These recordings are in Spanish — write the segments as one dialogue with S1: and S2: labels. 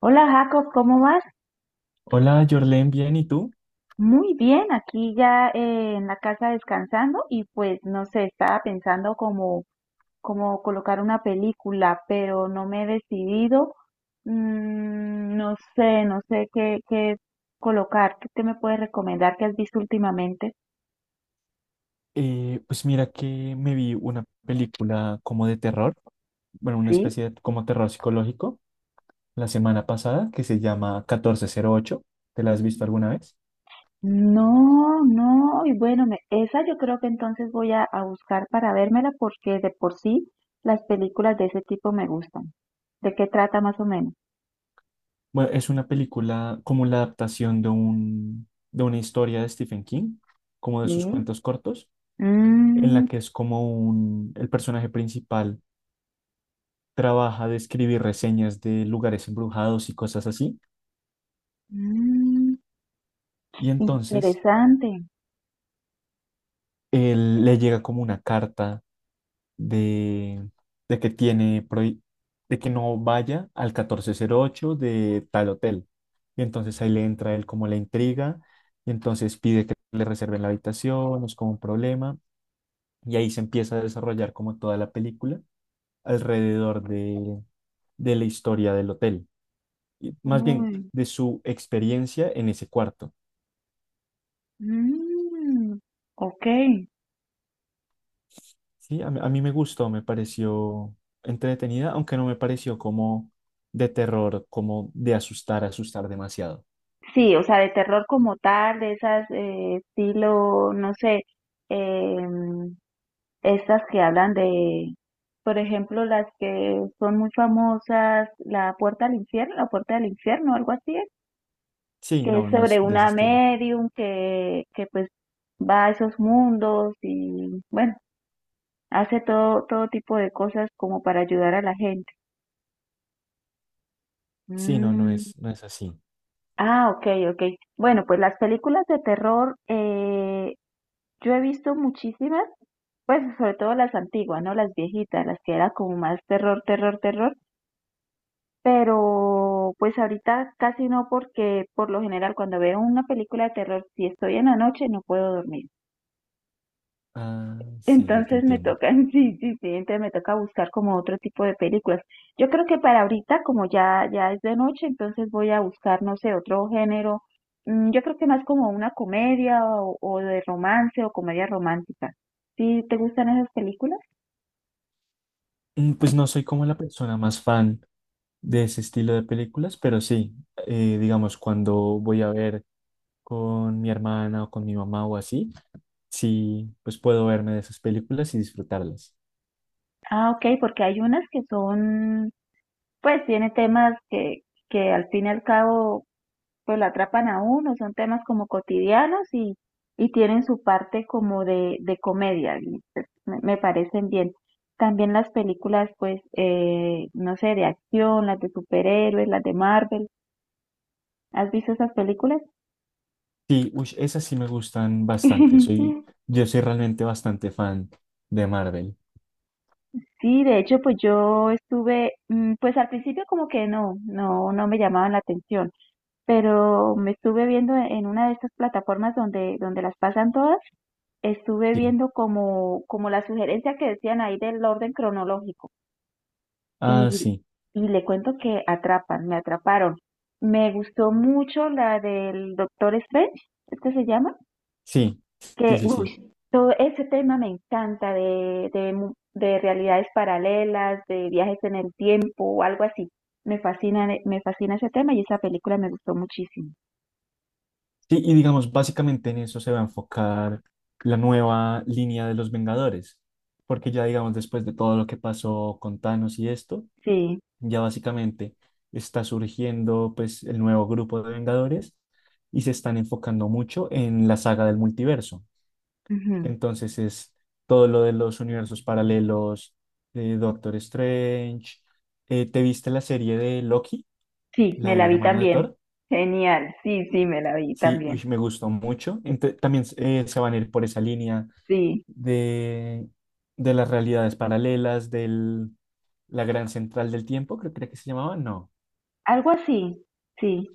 S1: Hola Jacob, ¿cómo vas?
S2: Hola, Jorlen, bien, ¿y tú?
S1: Muy bien, aquí ya en la casa descansando y pues no sé, estaba pensando como colocar una película, pero no me he decidido. No sé, no sé qué colocar. ¿Qué te me puedes recomendar que has visto últimamente?
S2: Pues mira que me vi una película como de terror, bueno, una
S1: Sí.
S2: especie de como terror psicológico la semana pasada que se llama 1408. ¿Te la has visto alguna vez?
S1: No, no, y bueno, esa yo creo que entonces voy a buscar para vérmela porque de por sí las películas de ese tipo me gustan. ¿De qué trata más o menos?
S2: Bueno, es una película como la adaptación de una historia de Stephen King, como de sus
S1: Sí.
S2: cuentos cortos, en la
S1: Mm,
S2: que es como el personaje principal trabaja de escribir reseñas de lugares embrujados y cosas así,
S1: mm,
S2: y entonces
S1: interesante.
S2: él le llega como una carta de, de que de que no vaya al 1408 de tal hotel. Y entonces ahí le entra él como la intriga, y entonces pide que le reserven la habitación, es como un problema, y ahí se empieza a desarrollar como toda la película alrededor de, de la historia del hotel, y más bien
S1: Uy,
S2: de su experiencia en ese cuarto.
S1: mm, ok.
S2: Sí, a mí me gustó, me pareció entretenida, aunque no me pareció como de terror, como de asustar, asustar demasiado.
S1: Sí, o sea, de terror como tal, de esas estilo, no sé, em, estas que hablan de, por ejemplo, las que son muy famosas, La Puerta al Infierno, La Puerta del Infierno, algo así,
S2: Sí,
S1: que es
S2: no, no es
S1: sobre
S2: de ese
S1: una
S2: estilo.
S1: medium que pues va a esos mundos y bueno, hace todo, todo tipo de cosas como para ayudar a la gente.
S2: Sí, no,
S1: Mm.
S2: no es así.
S1: Ah, ok, ok. Bueno, pues las películas de terror, yo he visto muchísimas, pues sobre todo las antiguas, ¿no? Las viejitas, las que era como más terror, terror, terror. Pero pues ahorita casi no porque por lo general cuando veo una película de terror, si estoy en la noche no puedo dormir.
S2: Ah, sí, ya te
S1: Entonces me
S2: entiendo.
S1: toca, sí, sí, sí, entonces me toca buscar como otro tipo de películas. Yo creo que para ahorita, como ya es de noche, entonces voy a buscar, no sé, otro género. Mm, yo creo que más como una comedia o de romance o comedia romántica. ¿Sí te gustan esas películas?
S2: Pues no soy como la persona más fan de ese estilo de películas, pero sí, digamos, cuando voy a ver con mi hermana o con mi mamá o así, sí, pues puedo verme de esas películas y disfrutarlas.
S1: Ah, ok, porque hay unas que son, pues tiene temas que al fin y al cabo pues lo atrapan a uno, son temas como cotidianos y tienen su parte como de comedia, y, pues, me parecen bien. También las películas, pues, no sé, de acción, las de superhéroes, las de Marvel. ¿Has visto esas películas?
S2: Sí, uy, esas sí me gustan bastante. Yo soy realmente bastante fan de Marvel.
S1: Sí, de hecho, pues yo estuve, pues al principio como que no me llamaban la atención, pero me estuve viendo en una de estas plataformas donde las pasan todas, estuve
S2: Sí.
S1: viendo como la sugerencia que decían ahí del orden cronológico
S2: Ah,
S1: y,
S2: sí,
S1: y le cuento que atrapan, me atraparon. Me gustó mucho la del Doctor Strange, ¿es que se llama?
S2: sí, sí,
S1: Que,
S2: sí, sí.
S1: uy, todo ese tema me encanta de de realidades paralelas, de viajes en el tiempo o algo así. Me fascina ese tema y esa película me gustó muchísimo.
S2: Sí, y digamos, básicamente en eso se va a enfocar la nueva línea de los Vengadores, porque ya digamos, después de todo lo que pasó con Thanos y esto,
S1: Sí,
S2: ya básicamente está surgiendo pues el nuevo grupo de Vengadores y se están enfocando mucho en la saga del multiverso.
S1: ujú.
S2: Entonces es todo lo de los universos paralelos de Doctor Strange. ¿Te viste la serie de Loki,
S1: Sí,
S2: la
S1: me
S2: del
S1: la vi
S2: hermano de
S1: también.
S2: Thor?
S1: Genial, sí, sí, me la vi
S2: Sí,
S1: también.
S2: uy, me gustó mucho. También se van a ir por esa línea
S1: Sí.
S2: de, de las realidades paralelas, de la gran central del tiempo, creo, que se llamaba, no.
S1: Algo así, sí,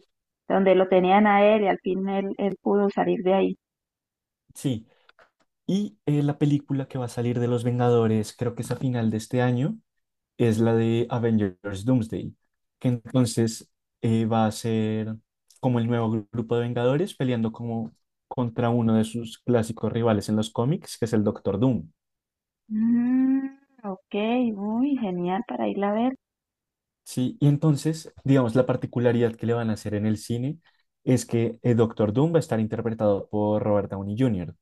S1: donde lo tenían a él y al fin él pudo salir de ahí.
S2: Sí. Y la película que va a salir de Los Vengadores, creo que es a final de este año, es la de Avengers Doomsday, que entonces va a ser como el nuevo grupo de Vengadores peleando como contra uno de sus clásicos rivales en los cómics, que es el Doctor Doom.
S1: Mm, ok, uy, genial para irla a ver.
S2: Sí, y entonces, digamos, la particularidad que le van a hacer en el cine es que el Doctor Doom va a estar interpretado por Robert Downey Jr.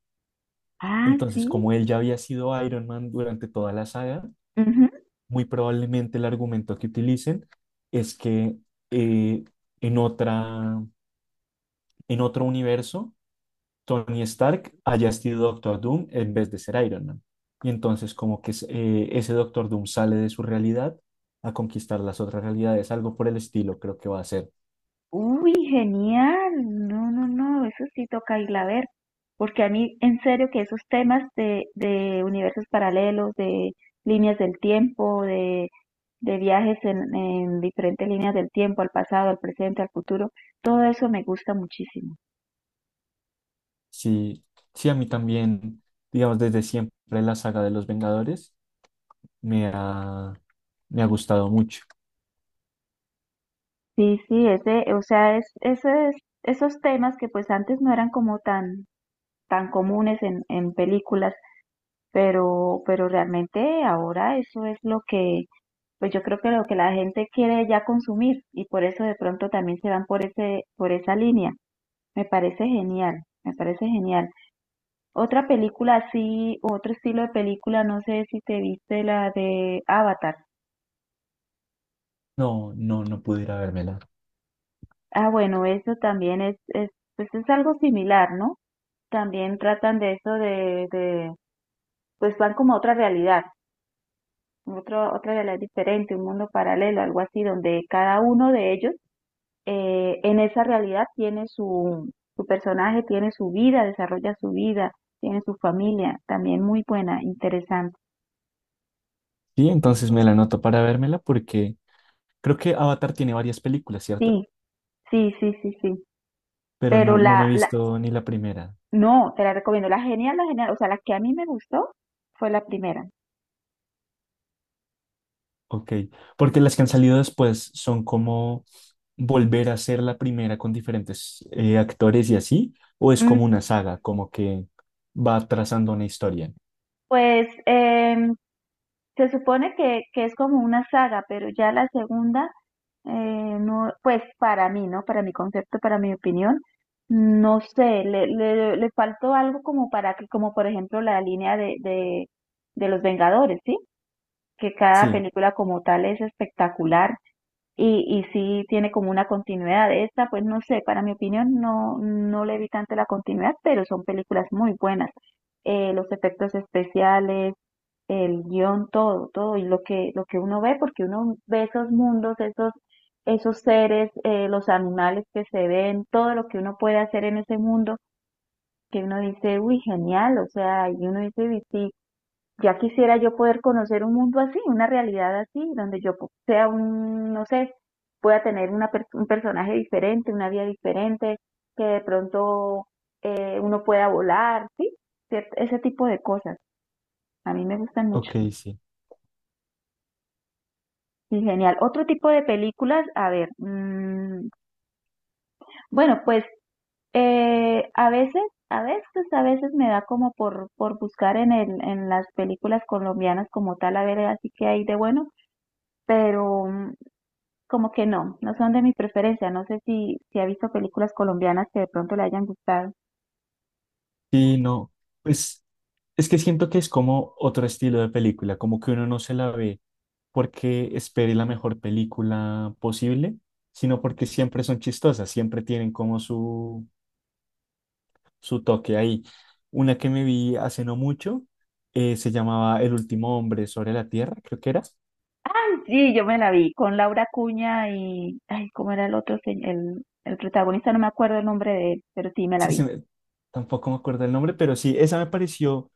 S1: Ah,
S2: Entonces,
S1: sí.
S2: como él ya había sido Iron Man durante toda la saga,
S1: Ujú.
S2: muy probablemente el argumento que utilicen es que eh, en otra en otro universo, Tony Stark haya sido Doctor Doom en vez de ser Iron Man. Y entonces como que ese Doctor Doom sale de su realidad a conquistar las otras realidades, algo por el estilo creo que va a ser.
S1: Uy, genial. No, no, no, eso sí toca irla a ver. Porque a mí, en serio, que esos temas de universos paralelos, de líneas del tiempo, de viajes en diferentes líneas del tiempo, al pasado, al presente, al futuro, todo eso me gusta muchísimo.
S2: Sí, sí, a mí también, digamos, desde siempre la saga de los Vengadores me ha, me ha gustado mucho.
S1: Sí, sí, ese es esos temas que pues antes no eran como tan comunes en películas, pero realmente ahora eso es lo que, pues yo creo que lo que la gente quiere ya consumir y por eso de pronto también se van por por esa línea. Me parece genial, me parece genial. Otra película así, otro estilo de película, no sé si te viste la de Avatar.
S2: No, no, no pudiera vérmela.
S1: Ah, bueno, eso también es, pues es algo similar, ¿no? También tratan de eso de pues van como a otra realidad, otra realidad diferente, un mundo paralelo, algo así, donde cada uno de ellos en esa realidad tiene su personaje, tiene su vida, desarrolla su vida, tiene su familia, también muy buena, interesante.
S2: Sí, entonces me la anoto para vérmela porque creo que Avatar tiene varias películas, ¿cierto?
S1: Sí, sí, sí, sí, sí.
S2: Pero no,
S1: Pero
S2: no me he visto ni la primera.
S1: no, te la recomiendo, la genial, o sea, la que a mí me gustó fue la primera.
S2: Ok, porque las que han salido después son como volver a ser la primera con diferentes actores y así, o es
S1: Mm,
S2: como una saga, como que va trazando una historia.
S1: pues se supone que es como una saga, pero ya la segunda no, pues para mí, ¿no? Para mi concepto, para mi opinión, no sé, le faltó algo como para que, como por ejemplo la línea de los Vengadores, ¿sí? Que cada
S2: Sí,
S1: película como tal es espectacular y sí tiene como una continuidad. De esta, pues no sé, para mi opinión no le vi tanto la continuidad, pero son películas muy buenas. Los efectos especiales, el guión, todo, todo, y lo que uno ve, porque uno ve esos mundos, esos seres, los animales que se ven, todo lo que uno puede hacer en ese mundo, que uno dice, uy, genial, o sea, y uno dice, "Uy, sí, ya quisiera yo poder conocer un mundo así, una realidad así, donde yo sea un, no sé, pueda tener un personaje diferente, una vida diferente, que de pronto uno pueda volar, sí, ese tipo de cosas. A mí me gustan mucho.
S2: ok, sí.
S1: Sí, genial. Otro tipo de películas, a ver, mm, bueno, pues a veces, a veces, a veces me da como por buscar en en las películas colombianas como tal, a ver, así que hay de bueno, pero mm, como que no son de mi preferencia. No sé si ha visto películas colombianas que de pronto le hayan gustado.
S2: Sí, no, pues es que siento que es como otro estilo de película, como que uno no se la ve porque espere la mejor película posible, sino porque siempre son chistosas, siempre tienen como su toque ahí. Una que me vi hace no mucho se llamaba El último hombre sobre la tierra, creo que era.
S1: Ay, sí, yo me la vi con Laura Cuña y, ay, ¿cómo era el otro, el protagonista? No me acuerdo el nombre de él, pero sí me la
S2: Sí,
S1: vi.
S2: tampoco me acuerdo el nombre, pero sí, esa me pareció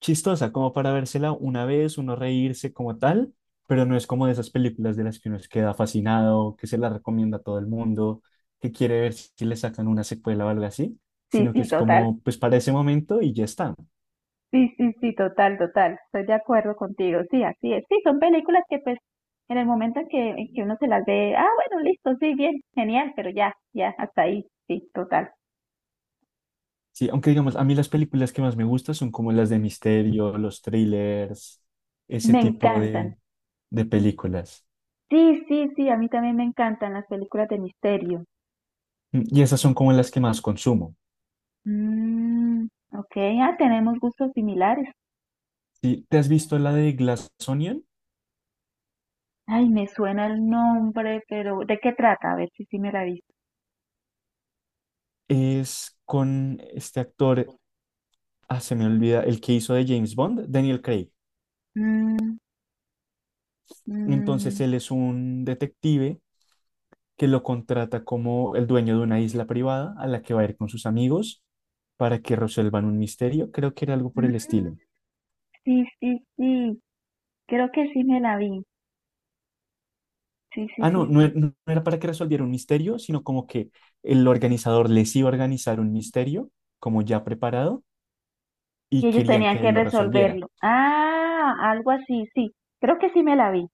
S2: chistosa, como para vérsela una vez, uno reírse como tal, pero no es como de esas películas de las que uno se queda fascinado, que se la recomienda a todo el mundo, que quiere ver si le sacan una secuela o algo así,
S1: Sí,
S2: sino que
S1: sí,
S2: es
S1: total.
S2: como, pues para ese momento y ya está.
S1: Sí, sí, sí, total, total. Estoy de acuerdo contigo. Sí, así es. Sí, son películas que pues en el momento en que uno se las ve, ah, bueno, listo, sí, bien, genial, pero ya, ya, hasta ahí. Sí, total.
S2: Sí, aunque digamos, a mí las películas que más me gustan son como las de misterio, los thrillers, ese
S1: Me
S2: tipo
S1: encantan.
S2: de, películas.
S1: Sí, sí, sí, a mí también me encantan las películas de misterio.
S2: Y esas son como las que más consumo.
S1: Mm, ok, ah, tenemos gustos similares.
S2: ¿Sí? ¿Te has visto la de Glass Onion?
S1: Ay, me suena el nombre, pero ¿de qué trata? A ver si sí me la he visto.
S2: Es con este actor. Ah, se me olvida, el que hizo de James Bond, Daniel Craig.
S1: Mm,
S2: Entonces
S1: mm,
S2: él es un detective que lo contrata como el dueño de una isla privada a la que va a ir con sus amigos para que resuelvan un misterio. Creo que era algo por el
S1: mm,
S2: estilo.
S1: sí, sí, sí, creo que sí me la vi. Sí, sí,
S2: Ah,
S1: sí,
S2: no, no,
S1: sí.
S2: no era para que resolviera un misterio, sino como que el organizador les iba a organizar un misterio como ya preparado
S1: Y
S2: y
S1: ellos
S2: querían
S1: tenían
S2: que
S1: que
S2: él lo resolviera.
S1: resolverlo. Ah, algo así, sí. Creo que sí me la vi.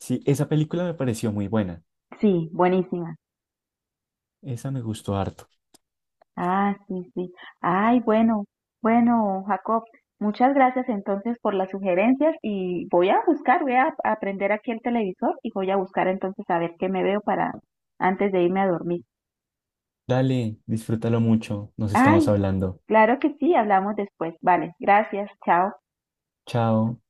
S2: Sí, esa película me pareció muy buena.
S1: Sí, buenísima.
S2: Esa me gustó harto.
S1: Ah, sí, sí. Ay, bueno, bueno, Jacob, muchas gracias entonces por las sugerencias y voy a buscar, voy a prender aquí el televisor y voy a buscar entonces a ver qué me veo para antes de irme a dormir.
S2: Dale, disfrútalo mucho. Nos estamos
S1: Ay,
S2: hablando.
S1: claro que sí, hablamos después. Vale, gracias, chao.
S2: Chao.